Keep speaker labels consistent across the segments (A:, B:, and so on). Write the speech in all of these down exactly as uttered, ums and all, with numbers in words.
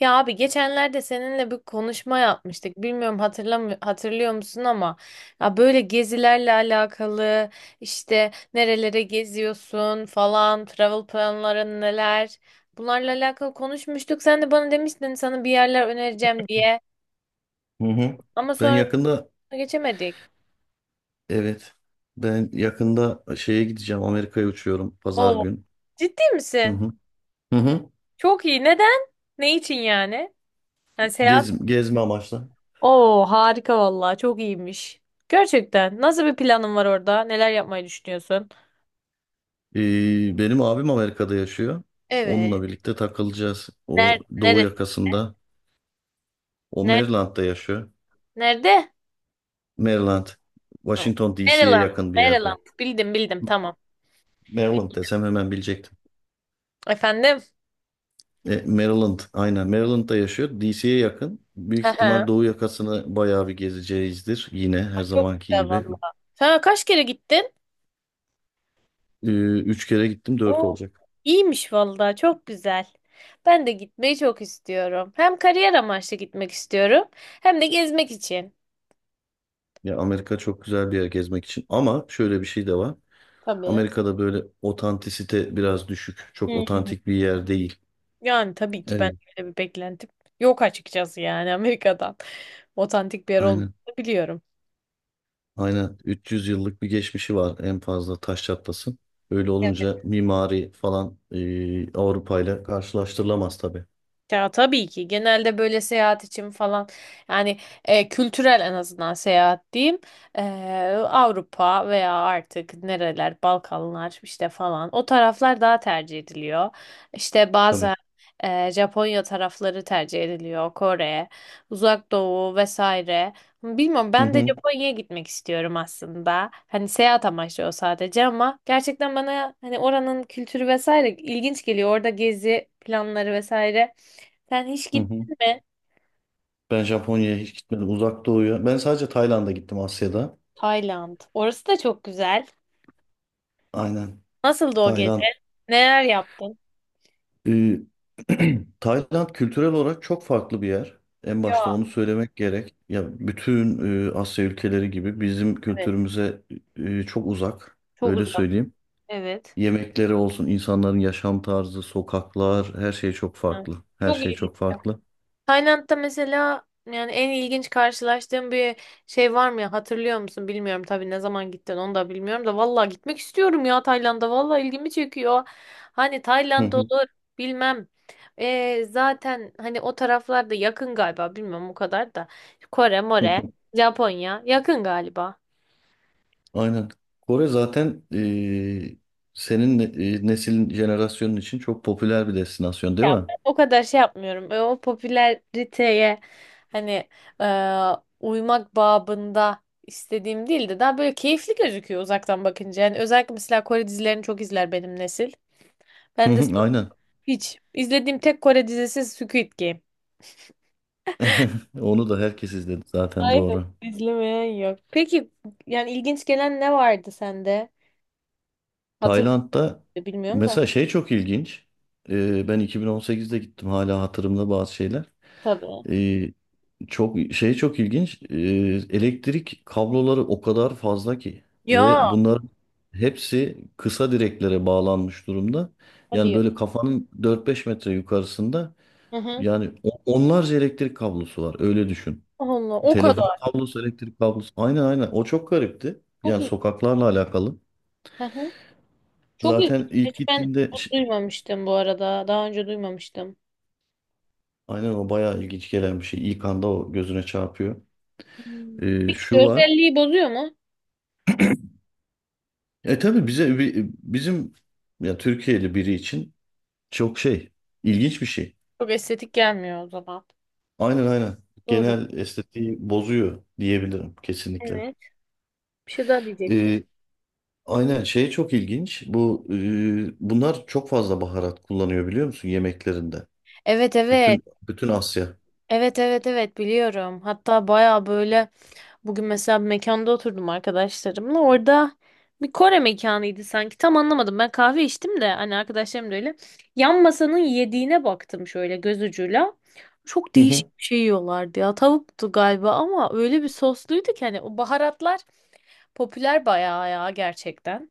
A: Ya abi geçenlerde seninle bir konuşma yapmıştık. Bilmiyorum hatırlam hatırlıyor musun ama ya böyle gezilerle alakalı işte nerelere geziyorsun falan, travel planların neler? Bunlarla alakalı konuşmuştuk. Sen de bana demiştin sana bir yerler önereceğim diye.
B: Hı hı.
A: Ama
B: Ben
A: sonra
B: yakında
A: geçemedik.
B: Evet. Ben yakında şeye gideceğim. Amerika'ya uçuyorum pazar
A: Oo,
B: gün.
A: ciddi
B: Hı
A: misin?
B: hı. Hı hı.
A: Çok iyi. Neden? Ne için yani? Yani seyahat.
B: Gez, gezme amaçlı.
A: Oo, harika vallahi çok iyiymiş. Gerçekten. Nasıl bir planın var orada? Neler yapmayı düşünüyorsun?
B: Ee, benim abim Amerika'da yaşıyor.
A: Evet.
B: Onunla birlikte takılacağız. O
A: Nerede?
B: doğu
A: Neresi?
B: yakasında. O
A: Nerede?
B: Maryland'da yaşıyor.
A: Nerede?
B: Maryland.
A: Ha,
B: Washington D C'ye
A: Maryland.
B: yakın bir yer bu.
A: Maryland. Bildim bildim tamam.
B: Maryland desem hemen bilecektim.
A: Efendim?
B: E, Maryland, aynen, Maryland'da yaşıyor. D C'ye yakın. Büyük
A: Aha,
B: ihtimal doğu yakasını bayağı bir gezeceğizdir. Yine her
A: çok
B: zamanki
A: güzel
B: gibi.
A: valla. Sen kaç kere gittin?
B: Ee, Üç kere gittim, dört
A: Oo,
B: olacak.
A: iyiymiş valla çok güzel. Ben de gitmeyi çok istiyorum. Hem kariyer amaçlı gitmek istiyorum hem de gezmek için.
B: Ya, Amerika çok güzel bir yer gezmek için. Ama şöyle bir şey de var.
A: Tabii.
B: Amerika'da böyle otantisite biraz düşük.
A: Hı
B: Çok
A: hı.
B: otantik bir yer değil.
A: Yani tabii ki ben
B: Evet.
A: öyle bir beklentim yok açıkçası yani Amerika'dan. Otantik bir yer
B: Aynen.
A: olmadığını biliyorum.
B: Aynen. üç yüz yıllık bir geçmişi var en fazla, taş çatlasın. Öyle olunca mimari falan, e, Avrupa ile karşılaştırılamaz tabii.
A: Ya tabii ki genelde böyle seyahat için falan yani e, kültürel en azından seyahat diyeyim. E, Avrupa veya artık nereler Balkanlar işte falan o taraflar daha tercih ediliyor. İşte
B: Tabii.
A: bazen e, Japonya tarafları tercih ediliyor Kore, Uzak Doğu vesaire. Bilmiyorum
B: Hı
A: ben de
B: hı,
A: Japonya'ya gitmek istiyorum aslında. Hani seyahat amaçlı o sadece ama gerçekten bana hani oranın kültürü vesaire ilginç geliyor. Orada gezi planları vesaire. Sen hiç
B: hı hı.
A: gittin mi?
B: Ben Japonya'ya hiç gitmedim. Uzak Doğu'ya. Ben sadece Tayland'a gittim, Asya'da.
A: Tayland. Orası da çok güzel.
B: Aynen.
A: Nasıldı o gezi?
B: Tayland.
A: Neler yaptın?
B: Ee, Tayland kültürel olarak çok farklı bir yer. En başta
A: Ya
B: onu söylemek gerek. Ya, bütün e, Asya ülkeleri gibi bizim
A: evet.
B: kültürümüze e, çok uzak.
A: Çok
B: Öyle
A: uzak.
B: söyleyeyim.
A: Evet.
B: Yemekleri olsun, insanların yaşam tarzı, sokaklar, her şey çok
A: Ya,
B: farklı. Her
A: çok
B: şey
A: ilginç.
B: çok farklı.
A: Tayland'da mesela yani en ilginç karşılaştığım bir şey var mı ya? Hatırlıyor musun? Bilmiyorum tabii ne zaman gittin onu da bilmiyorum da vallahi gitmek istiyorum ya Tayland'a. Vallahi ilgimi çekiyor. Hani
B: Hı
A: Tayland
B: hı,
A: olur bilmem. Ee, zaten hani o taraflarda yakın galiba bilmiyorum o kadar da. Kore,
B: hı
A: More,
B: hı.
A: Japonya yakın galiba.
B: Aynen. Kore zaten e, senin e, neslin, jenerasyonun için çok popüler bir destinasyon, değil
A: Ya
B: mi?
A: ben o kadar şey yapmıyorum. E, O popülariteye hani e, uymak babında istediğim değil de daha böyle keyifli gözüküyor uzaktan bakınca. Yani özellikle mesela Kore dizilerini çok izler benim nesil.
B: Hı
A: Ben de
B: hı,
A: sırf
B: aynen.
A: hiç izlediğim tek Kore dizisi Squid Game.
B: Onu da herkes izledi zaten,
A: Aynen,
B: doğru.
A: izlemeyen yok. Peki yani ilginç gelen ne vardı sende? Hatırlıyorum
B: Tayland'da
A: bilmiyorum da.
B: mesela şey çok ilginç. Ee, ben iki bin on sekizde gittim, hala hatırımda bazı şeyler.
A: Tabii.
B: Ee, Çok şey çok ilginç. Ee, elektrik kabloları o kadar fazla ki ve
A: Ya.
B: bunların hepsi kısa direklere bağlanmış durumda.
A: Hadi
B: Yani
A: ya.
B: böyle kafanın dört beş metre yukarısında
A: Hı hı.
B: yani o- onlarca elektrik kablosu var. Öyle düşün.
A: Allah o
B: Telefon
A: kadar.
B: kablosu, elektrik kablosu. Aynen, aynen. O çok garipti.
A: Çok
B: Yani sokaklarla alakalı.
A: iyi. Çok ilginç.
B: Zaten ilk
A: Hiç ben
B: gittiğimde
A: bunu duymamıştım bu arada. Daha önce duymamıştım.
B: Aynen, o bayağı ilginç gelen bir şey. İlk anda o gözüne çarpıyor.
A: Hmm.
B: Ee,
A: Peki
B: şu var.
A: görselliği bozuyor mu?
B: E tabii bize, bi- bizim, ya Türkiye'li biri için çok şey, ilginç bir şey.
A: Çok estetik gelmiyor o zaman.
B: Aynen, aynen.
A: Doğru.
B: Genel estetiği bozuyor diyebilirim, kesinlikle.
A: Evet. Bir şey daha diyecektim.
B: Ee, aynen, şey çok ilginç. Bu e, bunlar çok fazla baharat kullanıyor, biliyor musun, yemeklerinde?
A: Evet evet.
B: Bütün bütün Asya.
A: Evet evet evet biliyorum. Hatta baya böyle. Bugün mesela bir mekanda oturdum arkadaşlarımla. Orada bir Kore mekanıydı sanki. Tam anlamadım. Ben kahve içtim de hani arkadaşlarım da öyle. Yan masanın yediğine baktım şöyle göz ucuyla. Çok
B: Hı hı,
A: değişik bir şey yiyorlardı ya. Tavuktu galiba ama öyle bir sosluydu ki hani o baharatlar popüler bayağı ya gerçekten.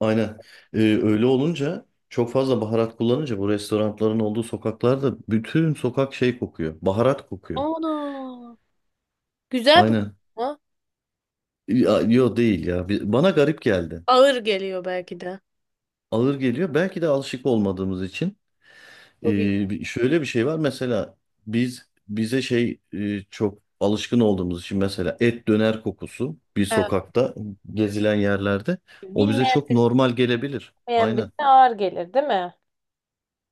B: aynen. Ee, öyle olunca, çok fazla baharat kullanınca bu restoranların olduğu sokaklarda bütün sokak şey kokuyor. Baharat kokuyor.
A: Ana. Güzel bir
B: Aynen.
A: konu.
B: Ya, yo değil ya. Bi- Bana garip geldi.
A: Ağır geliyor belki de.
B: Ağır geliyor. Belki de alışık olmadığımız için.
A: Çok iyi.
B: Ee, bir- şöyle bir şey var mesela, biz bize şey, e, çok alışkın olduğumuz için mesela, et döner kokusu bir
A: He.
B: sokakta, gezilen yerlerde, o bize
A: Bilmeyen,
B: çok normal gelebilir.
A: bilmeyen
B: Aynen.
A: birine ağır gelir, değil mi?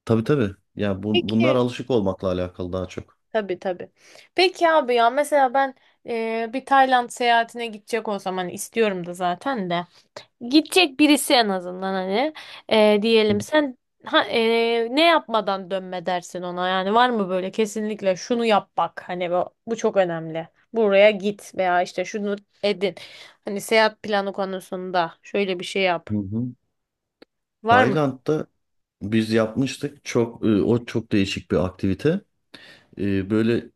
B: Tabii, tabii. Ya bu- bunlar
A: Peki.
B: alışık olmakla alakalı daha çok.
A: Tabii tabii. Peki abi ya mesela ben e, bir Tayland seyahatine gidecek olsam hani istiyorum da zaten de. Gidecek birisi en azından hani e, diyelim sen ha, e, ne yapmadan dönme dersin ona yani var mı böyle kesinlikle şunu yap bak hani bu, bu çok önemli. Buraya git veya işte şunu edin. Hani seyahat planı konusunda şöyle bir şey yap.
B: Hı hı.
A: Var mı?
B: Tayland'da biz yapmıştık, çok e, o çok değişik bir aktivite. E, böyle,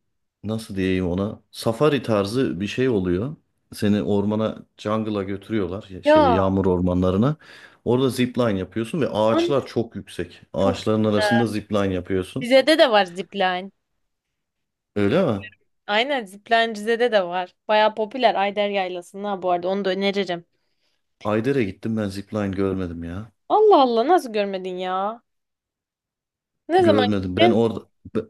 B: nasıl diyeyim, ona safari tarzı bir şey oluyor. Seni ormana, jungle'a götürüyorlar, ya- şeye,
A: Ya
B: yağmur ormanlarına. Orada zipline yapıyorsun ve
A: anne
B: ağaçlar çok yüksek.
A: çok
B: Ağaçların
A: güzel.
B: arasında zipline yapıyorsun.
A: Bize de de var zipline.
B: Öyle mi?
A: Aynen Ziplencize'de de var. Baya popüler Ayder Yaylası'nda bu arada onu da öneririm.
B: Ayder'e gittim ben, zipline görmedim ya.
A: Allah Allah nasıl görmedin ya? Ne zaman
B: Görmedim. Ben
A: gittin?
B: orada be-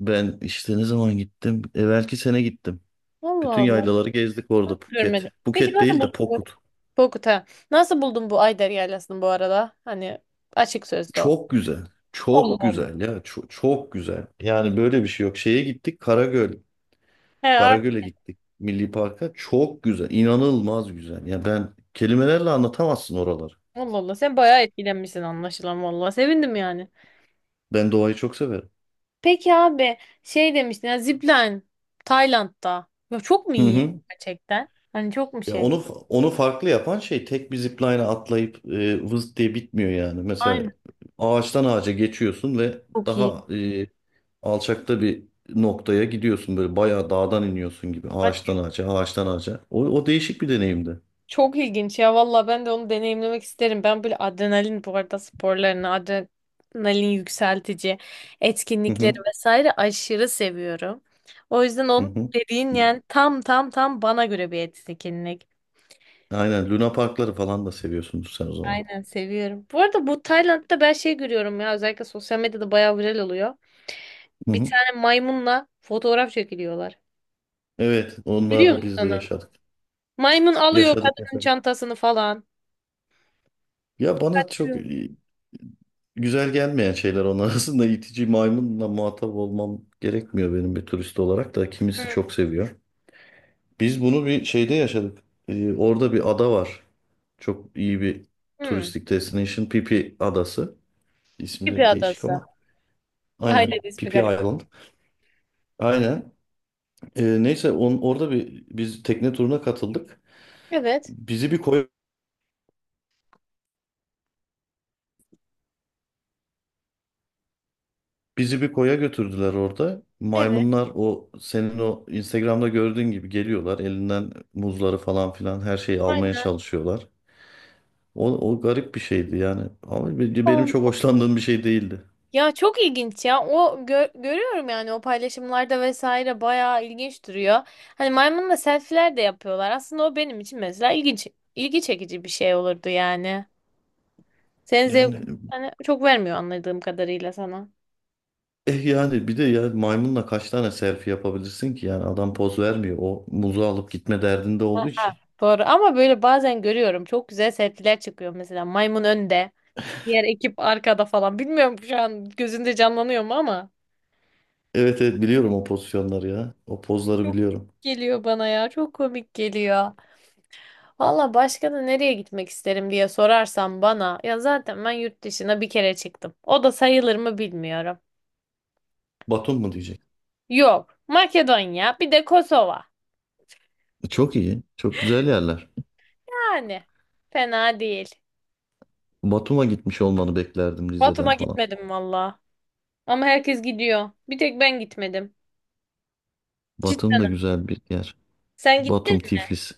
B: ben işte, ne zaman gittim? Evvelki sene gittim.
A: Allah
B: Bütün
A: Allah
B: yaylaları gezdik orada,
A: nasıl
B: Phuket.
A: görmedim. Peki
B: Phuket
A: nasıl
B: değil
A: buldun?
B: de
A: bu-
B: Pokut.
A: Korkut ha. Nasıl buldun bu Ayder Yaylası'nı bu arada? Hani açık sözlü ol.
B: Çok güzel.
A: Allah
B: Çok
A: Allah.
B: güzel ya. Çok, çok güzel. Yani böyle bir şey yok. Şeye gittik, Karagöl.
A: He artık
B: Karagöl'e gittik. Milli Park'a. Çok güzel. İnanılmaz güzel. Ya ben, kelimelerle anlatamazsın oraları.
A: Allah Allah sen bayağı etkilenmişsin anlaşılan valla. Sevindim yani.
B: Ben doğayı çok severim.
A: Peki abi şey demiştin ya Zipline Tayland'da. Ya çok mu
B: Hı
A: iyi
B: hı.
A: gerçekten? Hani çok mu
B: Ya,
A: şey?
B: onu onu farklı yapan şey, tek bir zipline'a atlayıp e, vız diye bitmiyor yani. Mesela
A: Aynen
B: ağaçtan ağaca geçiyorsun ve
A: çok iyi.
B: daha e, alçakta bir noktaya gidiyorsun, böyle bayağı dağdan iniyorsun gibi, ağaçtan ağaca, ağaçtan ağaca. O, o değişik bir deneyimdi.
A: Çok ilginç ya valla ben de onu deneyimlemek isterim. Ben böyle adrenalin bu arada sporlarını, adrenalin yükseltici
B: Hı
A: etkinlikleri
B: hı,
A: vesaire aşırı seviyorum. O yüzden
B: hı
A: onun
B: hı.
A: dediğin yani tam tam tam bana göre bir etkinlik.
B: Aynen, Luna Parkları falan da seviyorsunuz sen o zaman.
A: Aynen seviyorum. Bu arada bu Tayland'da ben şey görüyorum ya özellikle sosyal medyada bayağı viral oluyor.
B: Hı
A: Bir
B: hı.
A: tane maymunla fotoğraf çekiliyorlar.
B: Evet,
A: Biliyor
B: onları
A: musun
B: biz de
A: onu?
B: yaşadık.
A: Maymun alıyor
B: Yaşadık,
A: kadının
B: yaşadık.
A: çantasını falan.
B: Ya bana çok
A: Hı.
B: e, güzel gelmeyen şeyler onun arasında. itici maymunla muhatap olmam gerekmiyor benim, bir turist olarak da, kimisi çok seviyor. Biz bunu bir şeyde yaşadık. Ee, orada bir ada var. Çok iyi bir
A: Hı.
B: turistik destination. Pipi Adası. İsmi
A: Gibi
B: de değişik
A: adası.
B: ama.
A: Aynen
B: Aynen.
A: ismi
B: Pipi
A: garip.
B: Island. Aynen. Ee, neyse on, orada bir biz tekne turuna katıldık.
A: Evet.
B: Bizi bir koy Bizi bir koya götürdüler orada.
A: Evet.
B: Maymunlar, o senin o Instagram'da gördüğün gibi geliyorlar. Elinden muzları falan filan, her şeyi almaya
A: Aynen.
B: çalışıyorlar. O, o garip bir şeydi yani. Ama be- benim
A: Ol-
B: çok hoşlandığım bir şey değildi.
A: Ya çok ilginç ya. O gö- görüyorum yani o paylaşımlarda vesaire bayağı ilginç duruyor. Hani maymunla selfie'ler de yapıyorlar. Aslında o benim için mesela ilginç ilgi çekici bir şey olurdu yani. Senin zevk
B: Yani
A: hani çok vermiyor anladığım kadarıyla sana.
B: eh yani, bir de ya, maymunla kaç tane selfie yapabilirsin ki? Yani adam poz vermiyor, o muzu alıp gitme derdinde olduğu için.
A: Doğru ama böyle bazen görüyorum çok güzel selfie'ler çıkıyor mesela maymun önde, diğer ekip arkada falan. Bilmiyorum şu an gözünde canlanıyor mu ama
B: Evet, evet, biliyorum o pozisyonları ya. O pozları
A: çok
B: biliyorum.
A: geliyor bana ya. Çok komik geliyor. Valla başka da nereye gitmek isterim diye sorarsan bana ya zaten ben yurt dışına bir kere çıktım. O da sayılır mı bilmiyorum.
B: Batum mu diyecek?
A: Yok. Makedonya bir de Kosova.
B: Çok iyi. Çok güzel yerler.
A: Yani fena değil.
B: Batum'a gitmiş olmanı beklerdim, Rize'den
A: Batum'a
B: falan.
A: gitmedim valla. Ama herkes gidiyor. Bir tek ben gitmedim.
B: Batum
A: Cidden.
B: da güzel bir yer.
A: Sen gittin
B: Batum,
A: mi?
B: Tiflis.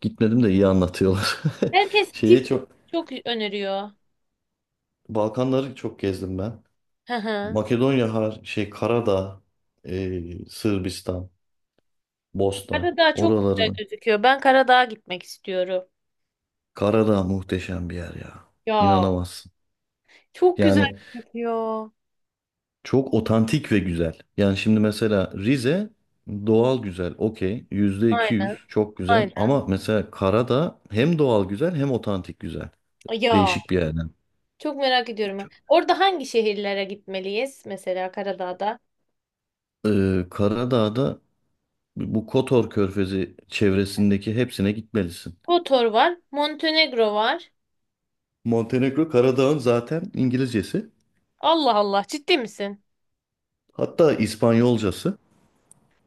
B: Gitmedim de iyi anlatıyorlar.
A: Herkes
B: Şeye
A: Tiflis
B: çok
A: çok öneriyor.
B: Balkanları çok gezdim ben.
A: Hı hı.
B: Makedonya, har şey, Karadağ, e, Sırbistan, Bosna.
A: Karadağ çok güzel
B: Oraları.
A: gözüküyor. Ben Karadağ'a gitmek istiyorum.
B: Karadağ muhteşem bir yer ya.
A: Ya
B: İnanamazsın.
A: çok güzel
B: Yani,
A: gözüküyor.
B: çok otantik ve güzel. Yani şimdi mesela Rize doğal güzel, okey. Yüzde iki yüz
A: Aynen,
B: çok güzel.
A: aynen.
B: Ama mesela Karadağ hem doğal güzel, hem otantik güzel.
A: Ya.
B: Değişik bir yerden.
A: Çok merak ediyorum. Orada hangi şehirlere gitmeliyiz? Mesela Karadağ'da.
B: Ee, Karadağ'da bu Kotor Körfezi çevresindeki hepsine gitmelisin.
A: Kotor var. Montenegro var.
B: Montenegro Karadağ'ın zaten İngilizcesi.
A: Allah Allah, ciddi misin?
B: Hatta İspanyolcası.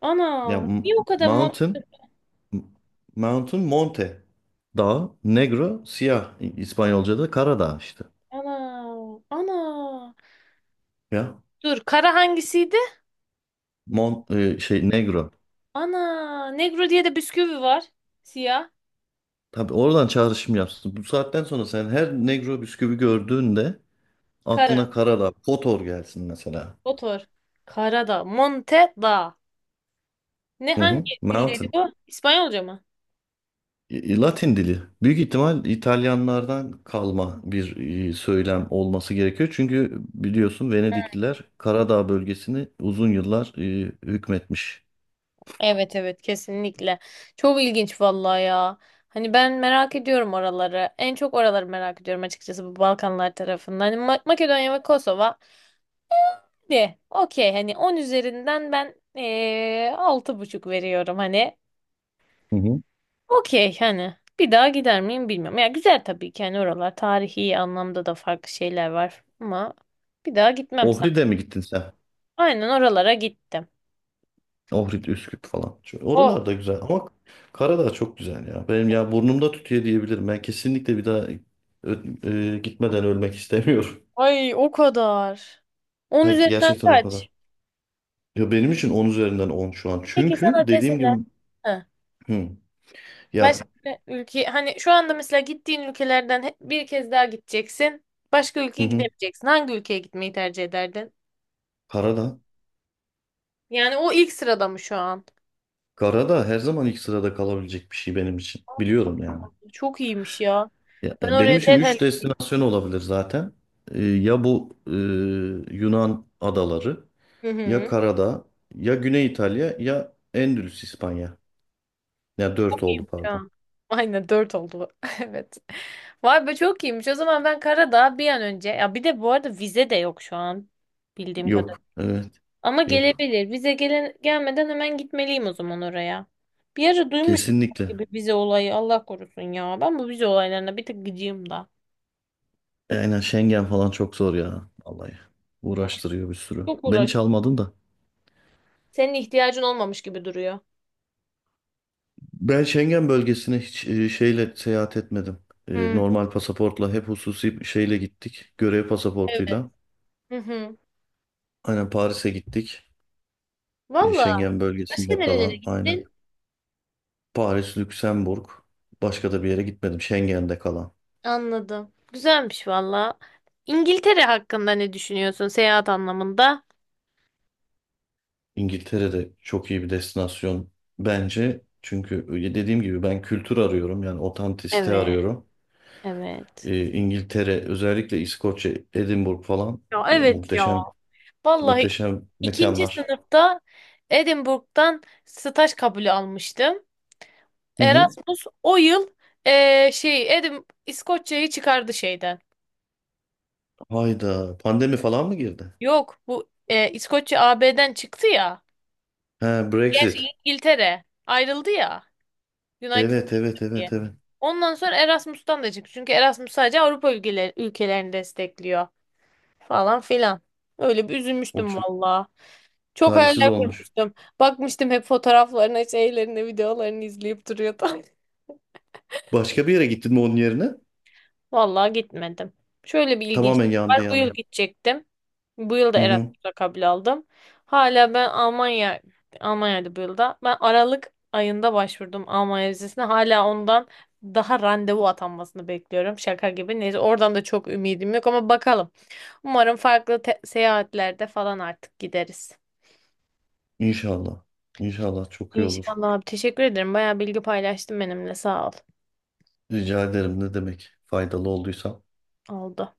A: Ana,
B: Yani,
A: niye o
B: m-
A: kadar Mon
B: mountain, m- mountain, monte. Dağ. Negro, siyah. İ- İspanyolca'da Karadağ işte.
A: Ana, ana.
B: Ya,
A: Dur, kara hangisiydi?
B: Mon e, şey, Negro.
A: Ana, Negro diye de bisküvi var. Siyah,
B: Tabii, oradan çağrışım yapsın. Bu saatten sonra sen her Negro bisküvi gördüğünde
A: kara,
B: aklına Karadağ, Kotor gelsin mesela.
A: Kotor. Karadağ, Montedağ. Ne
B: Hı hı.
A: hangi dildeydi
B: Mountain.
A: bu? İspanyolca mı?
B: E, e, Latin dili. Büyük ihtimal İtalyanlardan kalma bir e, söylem olması gerekiyor. Çünkü biliyorsun, Venedikliler Karadağ bölgesini uzun yıllar e, hükmetmiş.
A: Evet evet kesinlikle. Çok ilginç vallahi ya. Hani ben merak ediyorum oraları. En çok oraları merak ediyorum açıkçası bu Balkanlar tarafından. Hani Ma- Makedonya ve Kosova de okey hani on üzerinden ben eee altı buçuk veriyorum hani.
B: Hı hı.
A: Okey hani bir daha gider miyim bilmiyorum. Ya güzel tabii ki hani oralar tarihi anlamda da farklı şeyler var ama bir daha gitmem sanırım.
B: Ohri'de mi gittin sen?
A: Aynen oralara gittim.
B: Ohrid, Üsküp falan. Şöyle,
A: Oh,
B: oralar da güzel ama Karadağ çok güzel ya. Benim, ya, burnumda tütüyor diyebilirim. Ben kesinlikle bir daha ö- e, gitmeden ölmek istemiyorum.
A: ay o kadar. On
B: Ha,
A: üzerinden
B: gerçekten o
A: kaç?
B: kadar. Ya, benim için on üzerinden on şu an.
A: Peki
B: Çünkü
A: sana
B: dediğim
A: deseler
B: gibi,
A: Ha.
B: hı,
A: Başka
B: ya,
A: ülke hani şu anda mesela gittiğin ülkelerden he- bir kez daha gideceksin. Başka
B: hı
A: ülkeye
B: hı,
A: gidemeyeceksin. Hangi ülkeye gitmeyi tercih ederdin?
B: Karadağ.
A: Yani o ilk sırada mı şu an?
B: Karadağ her zaman ilk sırada kalabilecek bir şey benim için. Biliyorum yani.
A: Çok iyiymiş ya.
B: Ya,
A: Ben
B: ya benim
A: oraya
B: için
A: derhal
B: üç destinasyon olabilir zaten. E, ya, bu e, Yunan adaları,
A: Hı
B: ya
A: hı.
B: Karadağ, ya Güney İtalya, ya Endülüs İspanya. Ya, dört oldu,
A: Şu
B: pardon.
A: an. Aynen dört oldu. Evet. Vay be çok iyiymiş. O zaman ben Karadağ bir an önce. Ya bir de bu arada vize de yok şu an. Bildiğim
B: Yok.
A: kadarıyla.
B: Evet.
A: Ama
B: Yok.
A: gelebilir. Vize gele gelmeden hemen gitmeliyim o zaman oraya. Bir ara duymuştum
B: Kesinlikle.
A: gibi vize olayı. Allah korusun ya. Ben bu vize olaylarına bir tık gıcığım da.
B: Aynen, Schengen falan çok zor ya. Vallahi. Uğraştırıyor bir sürü.
A: Çok
B: Ben hiç
A: uğraştım.
B: almadım da.
A: Senin ihtiyacın olmamış gibi duruyor.
B: Ben Schengen bölgesine hiç e, şeyle seyahat etmedim. E,
A: Hı,
B: Normal pasaportla, hep hususi şeyle gittik. Görev
A: evet.
B: pasaportuyla.
A: Hı hı.
B: Aynen, Paris'e gittik. E,
A: Valla
B: Schengen
A: başka
B: bölgesinde
A: nerelere
B: kalan. Aynen.
A: gittin?
B: Paris, Lüksemburg. Başka da bir yere gitmedim. Schengen'de kalan.
A: Anladım. Güzelmiş valla. İngiltere hakkında ne düşünüyorsun seyahat anlamında?
B: İngiltere'de çok iyi bir destinasyon bence. Çünkü e, dediğim gibi ben kültür arıyorum, yani otantisite
A: Evet,
B: arıyorum.
A: evet.
B: Ee, İngiltere, özellikle İskoçya, Edinburgh falan,
A: Ya
B: e,
A: evet ya.
B: muhteşem,
A: Vallahi
B: muhteşem
A: ikinci
B: mekanlar.
A: sınıfta Edinburgh'dan staj kabulü almıştım.
B: Hı hı.
A: Erasmus o yıl eee, şey Edim İskoçya'yı çıkardı şeyden.
B: Hayda, pandemi falan mı girdi?
A: Yok bu eee, İskoçya A B'den çıktı ya.
B: He,
A: Gerçi
B: Brexit.
A: İngiltere ayrıldı ya United
B: Evet, evet,
A: Kingdom diye.
B: evet, evet.
A: Ondan sonra Erasmus'tan da çıktı. Çünkü Erasmus sadece Avrupa ülkeler, ülkelerini destekliyor falan filan. Öyle bir
B: O
A: üzülmüştüm
B: çok
A: valla. Çok
B: talihsiz
A: hayaller
B: olmuş.
A: kurmuştum. Bakmıştım hep fotoğraflarına, şeylerine, videolarını izleyip duruyordu.
B: Başka bir yere gittin mi onun yerine?
A: Vallahi gitmedim. Şöyle bir ilginç
B: Tamamen
A: var.
B: yandı
A: Bu
B: yani.
A: yıl gidecektim. Bu yıl da
B: Hı hı.
A: Erasmus'a kabul aldım. Hala ben Almanya, Almanya'da bu yılda. Ben Aralık ayında başvurdum Almanya vizesine. Hala ondan daha randevu atanmasını bekliyorum. Şaka gibi. Neyse oradan da çok ümidim yok ama bakalım. Umarım farklı te- seyahatlerde falan artık gideriz.
B: İnşallah. İnşallah çok iyi olur.
A: İnşallah abi. Teşekkür ederim. Bayağı bilgi paylaştın benimle. Sağ ol.
B: Rica ederim, ne demek, faydalı olduysam.
A: Oldu.